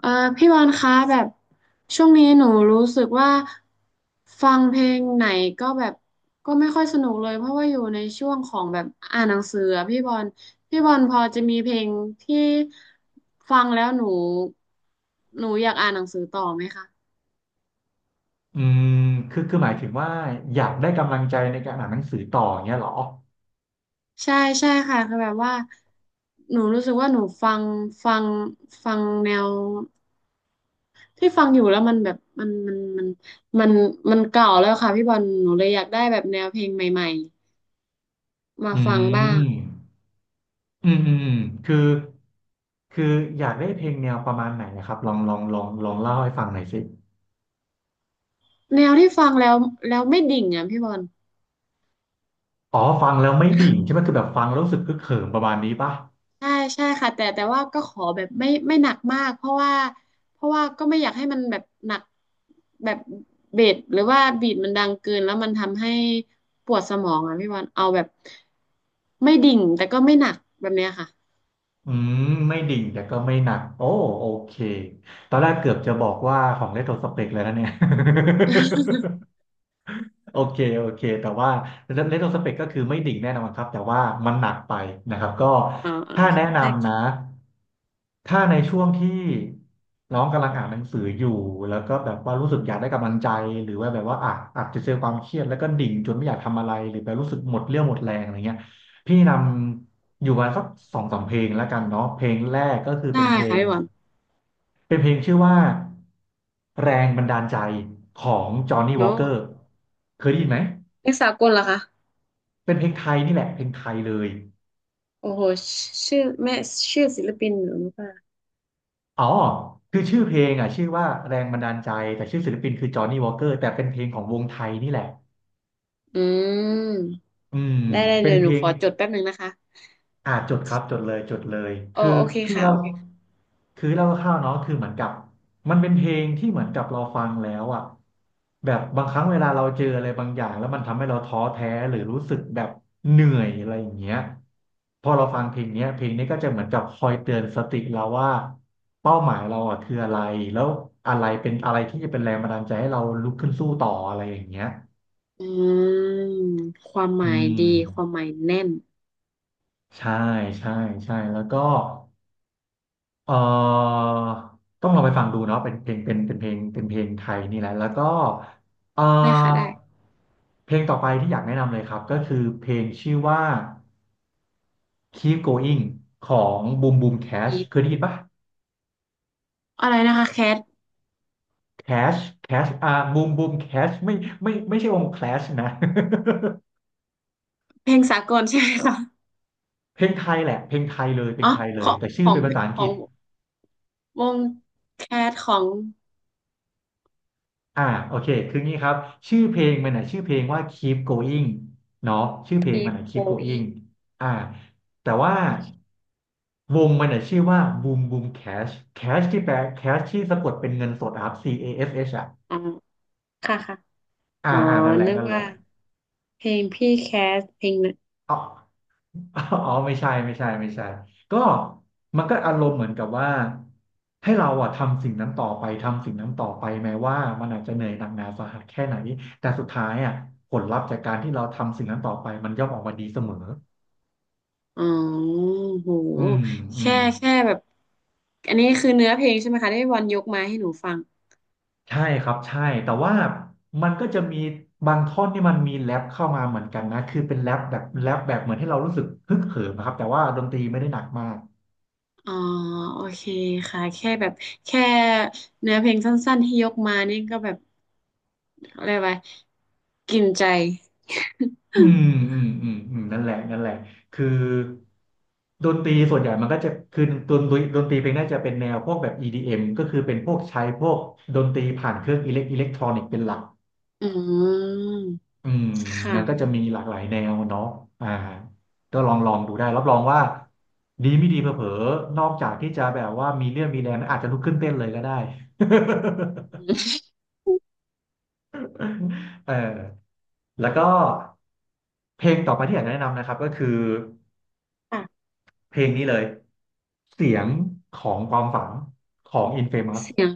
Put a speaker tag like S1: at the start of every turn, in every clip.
S1: เอ่อพี่บอลคะแบบช่วงนี้หนูรู้สึกว่าฟังเพลงไหนก็แบบก็ไม่ค่อยสนุกเลยเพราะว่าอยู่ในช่วงของแบบอ่านหนังสืออะพี่บอลพี่บอลพอจะมีเพลงที่ฟังแล้วหนูอยากอ่านหนังสือต่อไหมคะ
S2: อืมคือหมายถึงว่าอยากได้กำลังใจในการอ่านหนังสือต่ออย่างเงี้ยเหรอ
S1: ใช่ใช่ค่ะคือแบบว่าหนูรู้สึกว่าหนูฟังฟังแนวที่ฟังอยู่แล้วมันแบบมันมันเก่าแล้วค่ะพี่บอลหนูเลยอยากได้แบบแนวเพลงใหม่ๆ มา
S2: อื
S1: ฟังบ้าง
S2: มอืมคือคืออยากได้เพลงแนวประมาณไหนนะครับลองเล่าให้ฟังหน่อยสิ
S1: แนวที่ฟังแล้วไม่ดิ่งอ่ะพี่บอล
S2: อ๋อฟังแล้วไม่ดิ่งใช่ไหมคือแบบฟังแล้วรู้สึกคึกเขิมประมาณนี้ป่ะ
S1: ใช่ใช่ค่ะแต่ว่าก็ขอแบบไม่หนักมากเพราะว่าก็ไม่อยากให้มันแบบหนักแบบเบสหรือว่าบีทมันดังเกินแล้วมันทำให้ปวดสมองอ่ะพี่บอลเอาแบบไม่ดิ่งแต่ก็ไม่หนักแบบเนี้ยค่ะ
S2: อืมไม่ดิ่งแต่ก็ไม่หนักโอ้โอเคตอนแรกเกือบจะบอกว่าของเลโทรสเปกเลยนะเนี่ย โอเคแต่ว่าเรโทรสเปกก็คือไม่ดิ่งแน่นอนครับแต่ว่ามันหนักไปนะครับก็
S1: อ่า
S2: ถ้าแนะนำ
S1: ่
S2: นะถ้าในช่วงที่น้องกำลังอ่านหนังสืออยู่แล้วก็แบบว่ารู้สึกอยากได้กำลังใจหรือว่าแบบว่าอ่ะอาจจะเจอความเครียดแล้วก็ดิ่งจนไม่อยากทำอะไรหรือแบบรู้สึกหมดเรี่ยวหมดแรงอะไรเงี้ยพี่นำอยู่ประมาณสักสองสามเพลงแล้วกันเนาะเพลงแรกก็คือ
S1: ได้
S2: เป็นเพล
S1: ค่ะ
S2: ง
S1: พี่บอล
S2: เป็นเพลงชื่อว่าแรงบันดาลใจของจอห์นนี่วอ
S1: โอ้
S2: k เกอร์เคยได้ยินไหม
S1: เพลงสากลเหรอคะ
S2: เป็นเพลงไทยนี่แหละเพลงไทยเลย
S1: โอ้โหชื่อแม่ชื่อศิลปินหนูรู้ป่ะ
S2: อ๋อคือชื่อเพลงอ่ะชื่อว่าแรงบันดาลใจแต่ชื่อศิลปินคือจอห์นนี่วอ k เกอร์แต่เป็นเพลงของวงไทยนี่แหละ
S1: อืม
S2: อืม
S1: ได้ได้
S2: เป็
S1: เดี๋
S2: น
S1: ยว
S2: เพ
S1: หนู
S2: ล
S1: ข
S2: ง
S1: อจดแป๊บหนึ่งนะคะ
S2: จุดครับจุดเลยจุดเลย
S1: โอ
S2: คือ
S1: โอเค
S2: พี่
S1: ค่ะ
S2: เล่า
S1: โอเคค่ะ
S2: คือเล่าคร่าวๆเนาะคือเหมือนกับมันเป็นเพลงที่เหมือนกับเราฟังแล้วอ่ะแบบบางครั้งเวลาเราเจออะไรบางอย่างแล้วมันทำให้เราท้อแท้หรือรู้สึกแบบเหนื่อยอะไรอย่างเงี้ยพอเราฟังเพลงเนี้ยเพลงนี้ก็จะเหมือนกับคอยเตือนสติเราว่าเป้าหมายเราอ่ะคืออะไรแล้วอะไรเป็นอะไรที่จะเป็นแรงบันดาลใจให้เราลุกขึ้นสู้ต่ออะไรอย่างเงี้ย
S1: อืมความห
S2: อื
S1: มายดีความ
S2: ม
S1: หมายแน่น
S2: ใช่ใช่ใช่แล้วก็ เอ่อต้องลองไปฟังดูเนาะเป็นเพลงเป็นเป็นเพลงเป็นเพลงไทยนี่แหละแล้วก็เอ่
S1: ได้ค่ะได้
S2: อเพลงต่อไปที่อยากแนะนำเลยครับก็คือเพลงชื่อว่า Keep Going ของ Boom Boom Cash
S1: อีฟ
S2: เคยได้ยินปะ
S1: อะไรนะคะแคท
S2: Cash Cash Boom Boom Cash ไม่ใช่วง Clash นะ
S1: เพลงสากลใช่ไหมคะ
S2: เพลงไทยแหละเพลงไทยเลยเพล
S1: อ๋อ
S2: งไทยเล
S1: ข
S2: ย
S1: อง
S2: แต่ชื่
S1: ข
S2: อ
S1: อ
S2: เป็
S1: ง
S2: นภาษาอัง
S1: ข
S2: ก
S1: อ
S2: ฤ
S1: ง
S2: ษ
S1: วงแคทของ
S2: อ่าโอเคคืองี้ครับชื่อเพลงมันน่ะชื่อเพลงว่า Keep Going เนาะชื่อเพลงมันน่ะ
S1: โบ
S2: Keep
S1: อิ
S2: Going
S1: ง
S2: อ่าแต่ว่าวงมันน่ะชื่อว่า Boom Boom Cash Cash ที่แปล Cash ที่สะกดเป็นเงินสดอะครับ C A S H อชเอชอ่ะ
S1: อ๋อค่ะค่ะ
S2: อ่า
S1: อ๋อ
S2: อ่านั่นแหละ
S1: นึก
S2: นั่นแหละ
S1: ว่าเพลงพี่แคสเพลงนะ
S2: อ๋อ อ๋อไม่ใช่ก็มันก็อารมณ์เหมือนกับว่าให้เราอะทำสิ่งนั้นต่อไปทำสิ่งนั้นต่อไปแม้ว่ามันอาจจะเหนื่อยหนักหนาสาหัสแค่ไหนแต่สุดท้ายอะผลลัพธ์จากการที่เราทำสิ่งนั้นต่อไปมันย่อมออกมาดีเสมอ
S1: อ๋อโห
S2: อืมอื
S1: แค่
S2: ม
S1: แค่แบบอันนี้คือเนื้อเพลงใช่ไหมคะที่บอลยกมาให้หนูฟัง
S2: ใช่ครับใช่แต่ว่ามันก็จะมีบางท่อนที่มันมีแรปเข้ามาเหมือนกันนะคือเป็นแรปแบบแรปแบบเหมือนให้เรารู้สึกฮึกเหิมนะครับแต่ว่าดนตรีไม่ได้หนักมาก
S1: อ๋อโอเคค่ะแค่แบบแค่เนื้อเพลงสั้นๆที่ยกมานี่ก็แบบอะไรวะกินใจ
S2: อืมอืมนั่นแหละคือดนตรีส่วนใหญ่มันก็จะคือดนตรีเพลงน่าจะเป็นแนวพวกแบบ EDM ก็คือเป็นพวกใช้พวกดนตรีผ่านเครื่องอิเล็กทรอนิกส์เป็นหลัก
S1: อืม
S2: อืมนั่นก็จะ
S1: ค่ะ
S2: มีหลากหลายแนวเนาะอ่าก็ลองดูได้รับรองว่าดีไม่ดีเผลอๆนอกจากที่จะแบบว่ามีเรื่องมีแรงอาจจะลุกขึ้นเต้นเลยก็ได้ เออแล้วก็เพลงต่อไปที่อยากจะแนะนำนะครับก็คือ
S1: ค่ะ
S2: เพลงนี้เลยเสียงของความฝันของ Infamous
S1: เสียง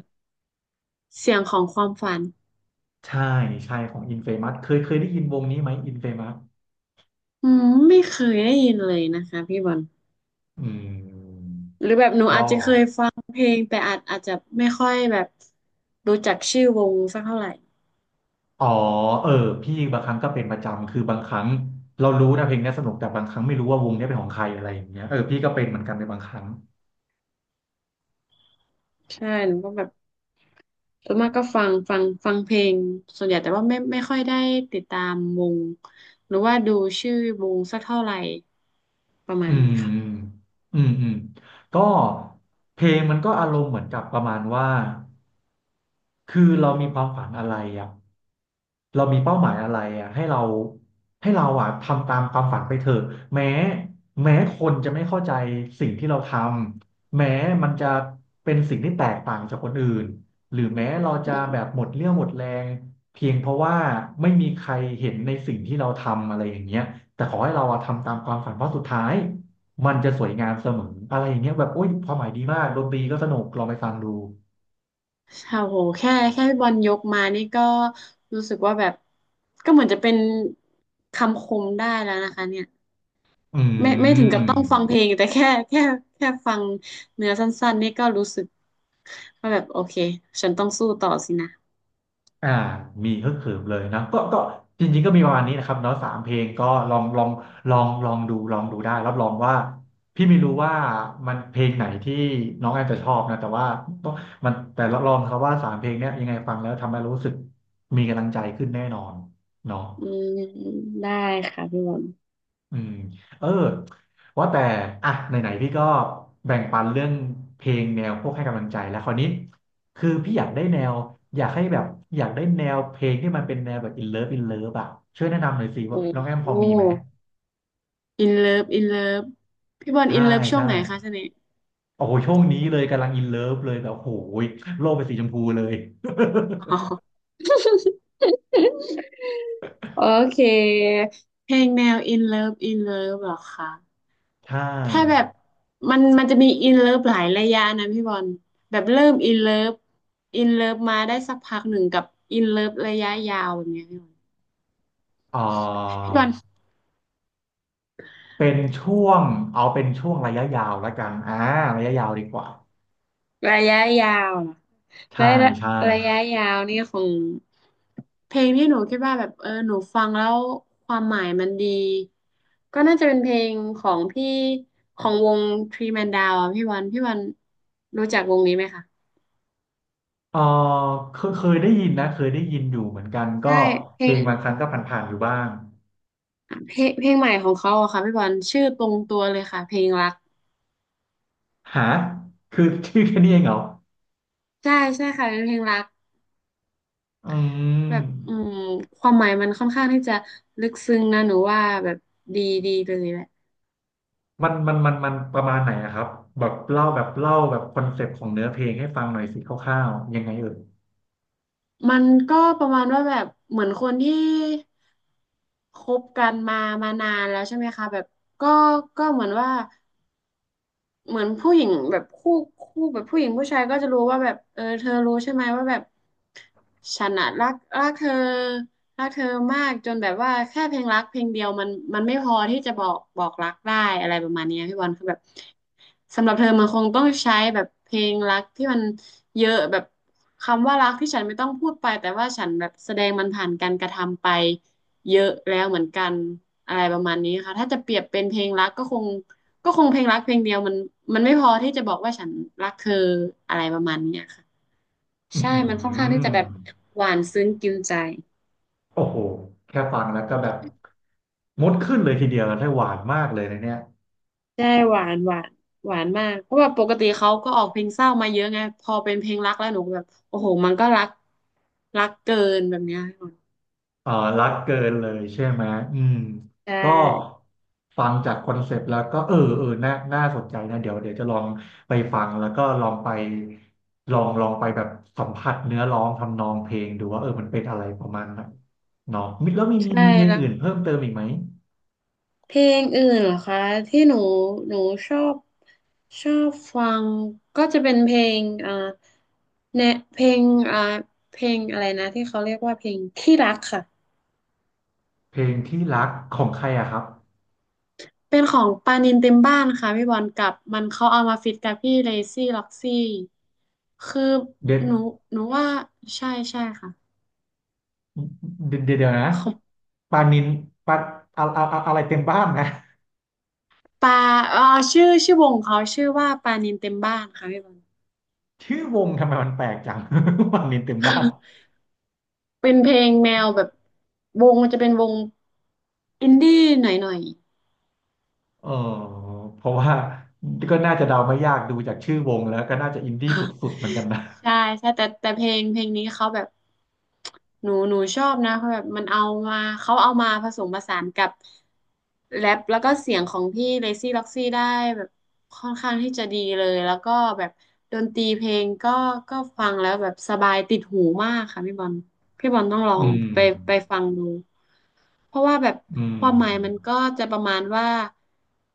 S1: ของความฝัน
S2: ใช่ใช่ของ Infamous เคยได้ยินวงนี้ไหม Infamous
S1: อืมไม่เคยได้ยินเลยนะคะพี่บอล
S2: อืม
S1: หรือแบบหนูอา
S2: ก็
S1: จจะเคยฟังเพลงแต่อาจจะไม่ค่อยแบบรู้จักชื่อวงสักเท่าไหร่
S2: อ๋อเออพี่บางครั้งก็เป็นประจำคือบางครั้งเรารู้นะเพลงเนี้ยสนุกแต่บางครั้งไม่รู้ว่าวงเนี้ยเป็นของใครอะไรอย่างเงี้ยเออพี่ก็เป็นเหมือนกันในบางครั้ง
S1: ใช่หนูก็แบบ ส่วนมากก็ฟังเพลงส่วนใหญ่แต่ว่าไม่ค่อยได้ติดตามวงหรือว่าดูชื่อวงสักเท่าไหร่ประ
S2: อื
S1: มาณนี้ค่ะ
S2: มอืมก็เพลงมันก็อารมณ์เหมือนกับประมาณว่าคือเรามีความฝันอะไรอ่ะ เรามีเป้าหมายอะไรอ่ะให้เราให้เราอ่ะทำตามความฝันไปเถอะแม้แม้คนจะไม่เข้าใจสิ่งที่เราทำแม้มันจะเป็นสิ่งที่แตกต่างจากคนอื่นหรือแม้เรา
S1: อื
S2: จะ
S1: ม
S2: แบบหมดเรี่ยวหมดแรงเพียงเพราะว่าไม่มีใครเห็นในสิ่งที่เราทำอะไรอย่างเงี้ยแต่ขอให้เราอะทำตามความฝันเพราะสุดท้ายมันจะสวยงามเสมออะไรอย่างเงี้ยแบบโอ้ยความหมายดีมากดนตรีก็สนุกลองไปฟังดู
S1: โอ้โหแค่แค่พี่บอลยกมานี่ก็รู้สึกว่าแบบก็เหมือนจะเป็นคำคมได้แล้วนะคะเนี่ย
S2: อื
S1: ไม่ถึงกับ
S2: ม
S1: ต้องฟังเพลงแต่แค่แค่แค่ฟังเนื้อสั้นๆนี่ก็รู้สึกว่าแบบโอเคฉันต้องสู้ต่อสินะ
S2: อ่ามีฮึกเหิมเลยนะก็จริงๆก็มีประมาณนี้นะครับเนาะสามเพลงก็ลองลองลองลองดูลองดูได้รับรองว่าพี่ไม่รู้ว่ามันเพลงไหนที่น้องแอนจะชอบนะแต่ว่าต้องมันแต่รับรองครับว่า3 เพลงเนี้ยยังไงฟังแล้วทำให้รู้สึกมีกำลังใจขึ้นแน่นอนเนาะ
S1: อืมได้ค่ะพี่บอล
S2: อืมเออว่าแต่อ่ะไหนๆพี่ก็แบ่งปันเรื่องเพลงแนวพวกให้กำลังใจแล้วคราวนี้คือพี่อยากได้แนวอยากให้แบบอยากได้แนวเพลงที่มันเป็นแนวแบบ in love อ่ะช่วยแนะนำหน่อยสิว่า
S1: โอ้
S2: น้องแอมพ
S1: โห
S2: อมีไหม
S1: อินเลิฟอินเลิฟพี่บอลอิ
S2: ใช่
S1: นเลิฟช่วง
S2: ใช่
S1: ไหนคะช่วงนี้
S2: โอ้โหช่วงนี้เลยกำลัง in love เลยแบบโอ้ยโลกเป็นสีชมพูเลย
S1: อ๋อโอเคเพลงแนวอินเลิฟอินเลิฟหรอคะ
S2: ใช่
S1: ถ้าแบบมันจะมีอินเลิฟหลายระยะนะพี่บอลแบบเริ่มอินเลิฟอินเลิฟมาได้สักพักหนึ่งกับอินเลิฟระยะยาวแบบเนี้ย
S2: เออ
S1: พี่บอล
S2: เป็นช่วงเอาเป็นช่วงระยะยาวละกันอ่าระยะยาวดีกว่า
S1: ระยะยาวเหรอ
S2: ใช่
S1: ระยะ
S2: ใช่
S1: ระยะยาวนี่คงเพลงที่หนูคิดว่าแบบเออหนูฟังแล้วความหมายมันดีก็น่าจะเป็นเพลงของพี่ของวงทรีแมนดาวอ่ะพี่วันพี่วันรู้จักวงนี้ไหมคะ
S2: เออเคยได้ยินนะเคยได้ยินอยู่เหมือนกัน
S1: ใช่
S2: ก็
S1: เพ
S2: เพ
S1: ล
S2: ล
S1: ง
S2: งบางครั้งก็ผ่านๆอยู่บ้าง
S1: เพลงใหม่ของเขาอะค่ะพี่วันชื่อตรงตัวเลยค่ะเพลงรัก
S2: หาคือ ชื่อแค่นี้เองเหรอ
S1: ใช่ใช่ค่ะเป็นเพลงรัก
S2: อื
S1: แบ
S2: ม
S1: บอืมความหมายมันค่อนข้างที่จะลึกซึ้งนะหนูว่าแบบดีดีเลยแหละ
S2: มันประมาณไหนอะครับแบบเล่าแบบคอนเซปต์ของเนื้อเพลงให้ฟังหน่อยสิคร่าวๆยังไงเอ่ย
S1: มันก็ประมาณว่าแบบเหมือนคนที่คบกันมานานแล้วใช่ไหมคะแบบก็ก็เหมือนว่า เหมือนผู้หญิงแบบคู่แบบผู้หญิงผู้ชายก็จะรู้ว่าแบบเออเธอรู้ใช่ไหมว่าแบบฉันอะรักเธอรักเธอมากจนแบบว่าแค่เพลงรักเพลงเดียวมันไม่พอที่จะบอกรักได้อะไรประมาณเนี้ยพี่บอลคือแบบสำหรับเธอมันคงต้องใช้แบบเพลงรักที่มันเยอะแบบคำว่ารักที่ฉันไม่ต้องพูดไปแต่ว่าฉันแบบแสดงมันผ่านการกระทำไปเยอะแล้วเหมือนกันอะไรประมาณนี้ค่ะถ้าจะเปรียบเป็นเพลงรักก็คง เพลงรักเพลงเดียวมันไม่พอที่จะบอกว่าฉันรักเธออะไรประมาณเนี้ยค่ะ
S2: อื
S1: ใช่มันค่อนข้างที่จะ
S2: ม
S1: แบบหวานซึ้งกินใจ
S2: โอ้โหแค่ฟังแล้วก็แบบมดขึ้นเลยทีเดียวได้หวานมากเลยนะเนี่ย
S1: ใช่หวานหวานมากเพราะว่าปกติเขาก็ออกเพลงเศร้ามาเยอะไงพอเป็นเพลงรักแล้วหนูก็แบบโอ้โหมันก็รักรักเกินแบบเนี้ยค่ะ
S2: เอ่อรักเกินเลยใช่ไหมอืม
S1: ใช่
S2: ก็ฟังจากคอนเซปต์แล้วก็เออน่าน่าสนใจนะเดี๋ยวจะลองไปฟังแล้วก็ลองไปแบบสัมผัสเนื้อร้องทำนองเพลงดูว่าเออมันเป็นอะไรประมาณไหนเนาะมีแล้วมีมี
S1: ใช่
S2: มีเพลง
S1: แล้ว
S2: อื่นเพิ่มเติมอีกไหม
S1: เพลงอื่นเหรอคะที่หนูชอบชอบฟังก็จะเป็นเพลงอ่าแนเพลงอ่าเพลงอะไรนะที่เขาเรียกว่าเพลงที่รักค่ะ
S2: เพลงที่รักของใครอะครับ
S1: เป็นของปานินเต็มบ้านค่ะพี่บอลกับมันเขาเอามาฟิตกับพี่เลซี่ล็อกซี่คือ
S2: เด็ด
S1: หนูหนูว่าใช่ใช่ค่ะ
S2: เดี๋ยวนะ
S1: ของ
S2: ปานินปาอะไรเต็มบ้านนะ
S1: ปาเอ่อชื่อวงเขาชื่อว่าปานินเต็มบ้านค่ะพี่บอล
S2: ชื่อวงทำไมมันแปลกจัง ปานินเต็มบ้าน
S1: เป็นเพลงแนวแบบวงมันจะเป็นวงอินดี้หน่อยหน่อย
S2: เออเพราะว่าก็น่าจะเดาไม่ยากดูจากชื่อวงแล้วก็น่าจะอินดี้สุดๆเหมือนกันนะ
S1: ใช่ใช่แต่แต่เพลงเพลงนี้เขาแบบหนูชอบนะเขาแบบมันเอามาเขาเอามาผสมผสานกับแรปแล้วก็เสียงของพี่เลซี่ล็อกซี่ได้แบบค่อนข้างที่จะดีเลยแล้วก็แบบดนตรีเพลงก็ฟังแล้วแบบสบายติดหูมากค่ะพี่บอลพี่บอลต้องลอ
S2: อื
S1: ง
S2: ม
S1: ไปไปฟังดู เพราะว่าแบบ
S2: อื
S1: ควา
S2: ม
S1: มหมายมันก็จะประมาณว่า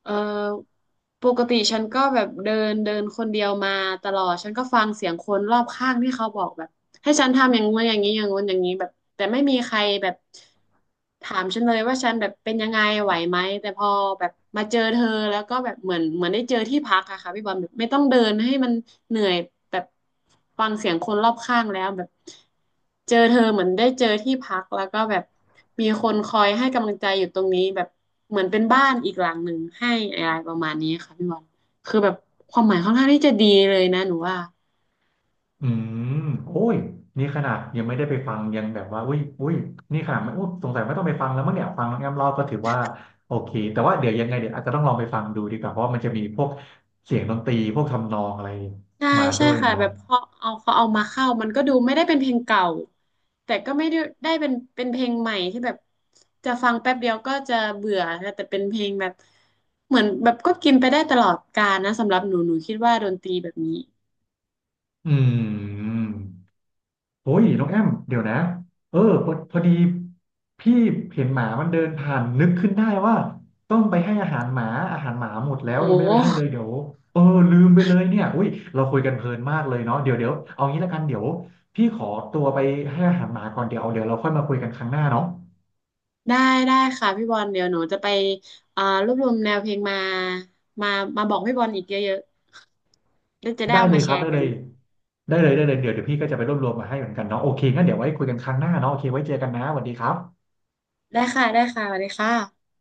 S1: เออปกติฉันก็แบบเดินเดินคนเดียวมาตลอด ฉันก็ฟังเสียงคนรอบข้างที่เขาบอกแบบ ให้ฉันทำอย่างงู้นอย่างนี้อย่างงู้นอย่างนี้แบบแต่ไม่มีใครแบบถามฉันเลยว่าฉันแบบเป็นยังไงไหวไหมแต่พอแบบมาเจอเธอแล้วก็แบบเหมือนได้เจอที่พักอะค่ะพี่บอลแบบไม่ต้องเดินให้มันเหนื่อยแบบฟังเสียงคนรอบข้างแล้วแบบเจอเธอเหมือนได้เจอที่พักแล้วก็แบบมีคนคอยให้กำลังใจอยู่ตรงนี้แบบเหมือนเป็นบ้านอีกหลังหนึ่งให้อะไรประมาณนี้ค่ะพี่บอลคือแบบความหมายค่อนข้างที่จะดีเลยนะหนูว่า
S2: อืมโอ้ยนี่ขนาดยังไม่ได้ไปฟังยังแบบว่าอุ้ยอุ้ยนี่ขนาดไม่อุ้ยสงสัยไม่ต้องไปฟังแล้วมั้งเนี่ยฟังน้องแอมเล่าก็ถือว่าโอเคแต่ว่าเดี๋ยวยังไงเดี๋ยวอาจจะต้องลองไปฟังดูดีกว่าเพราะว่ามันจะมีพวกเสียงดนตรีพวกทำนองอะไร
S1: ใช่
S2: มาด้
S1: ใช่
S2: วย
S1: ค่ะ
S2: เนาะ
S1: แบบพอเอาเขาเอามาเข้ามันก็ดูไม่ได้เป็นเพลงเก่าแต่ก็ไม่ได้ได้เป็นเพลงใหม่ที่แบบจะฟังแป๊บเดียวก็จะเบื่อค่ะแต่เป็นเพลงแบบเหมือนแบบก็กินไปได้ตลอดกาลนะสำหรับหนูคิดว่าดนตรีแบบนี้
S2: อืม โอ้ยน้องแอมเดี๋ยวนะเออพอพอดีพี่เห็นหมามันเดินผ่านนึกขึ้นได้ว่าต้องไปให้อาหารหมาอาหารหมาหมดแล้ว
S1: โอ
S2: ยังไม่ได้ไปให้เล
S1: ้
S2: ยเดี๋ยวเออลืมไปเลยเนี่ยอุ้ยเราคุยกันเพลินมากเลยเนาะเดี๋ยวเอางี้ละกันเดี๋ยวพี่ขอตัวไปให้อาหารหมาก่อนเดี๋ยวเอาเดี๋ยวเราค่อยมาคุยกันครั้งหน้าเนาะ
S1: ได้ได้ค่ะพี่บอลเดี๋ยวหนูจะไปอ่ารวบรวมแนวเพลงมามาบอกพี่บอลอีกเยอะๆแล้วจะได้
S2: ได้
S1: เอา
S2: เล
S1: มา
S2: ยค
S1: แช
S2: รับ
S1: ร์
S2: ได้
S1: กั
S2: เล
S1: น
S2: ยได้เลยได้เลยเดี๋ยวพี่ก็จะไปรวบรวมมาให้เหมือนกันเนาะโอเคงั้นเดี๋ยวไว้คุยกันครั้งหน้าเนาะโอเคไว้เจอกันนะสวัสดีครับ
S1: ได้ค่ะได้ค่ะสวัสดีค่ะ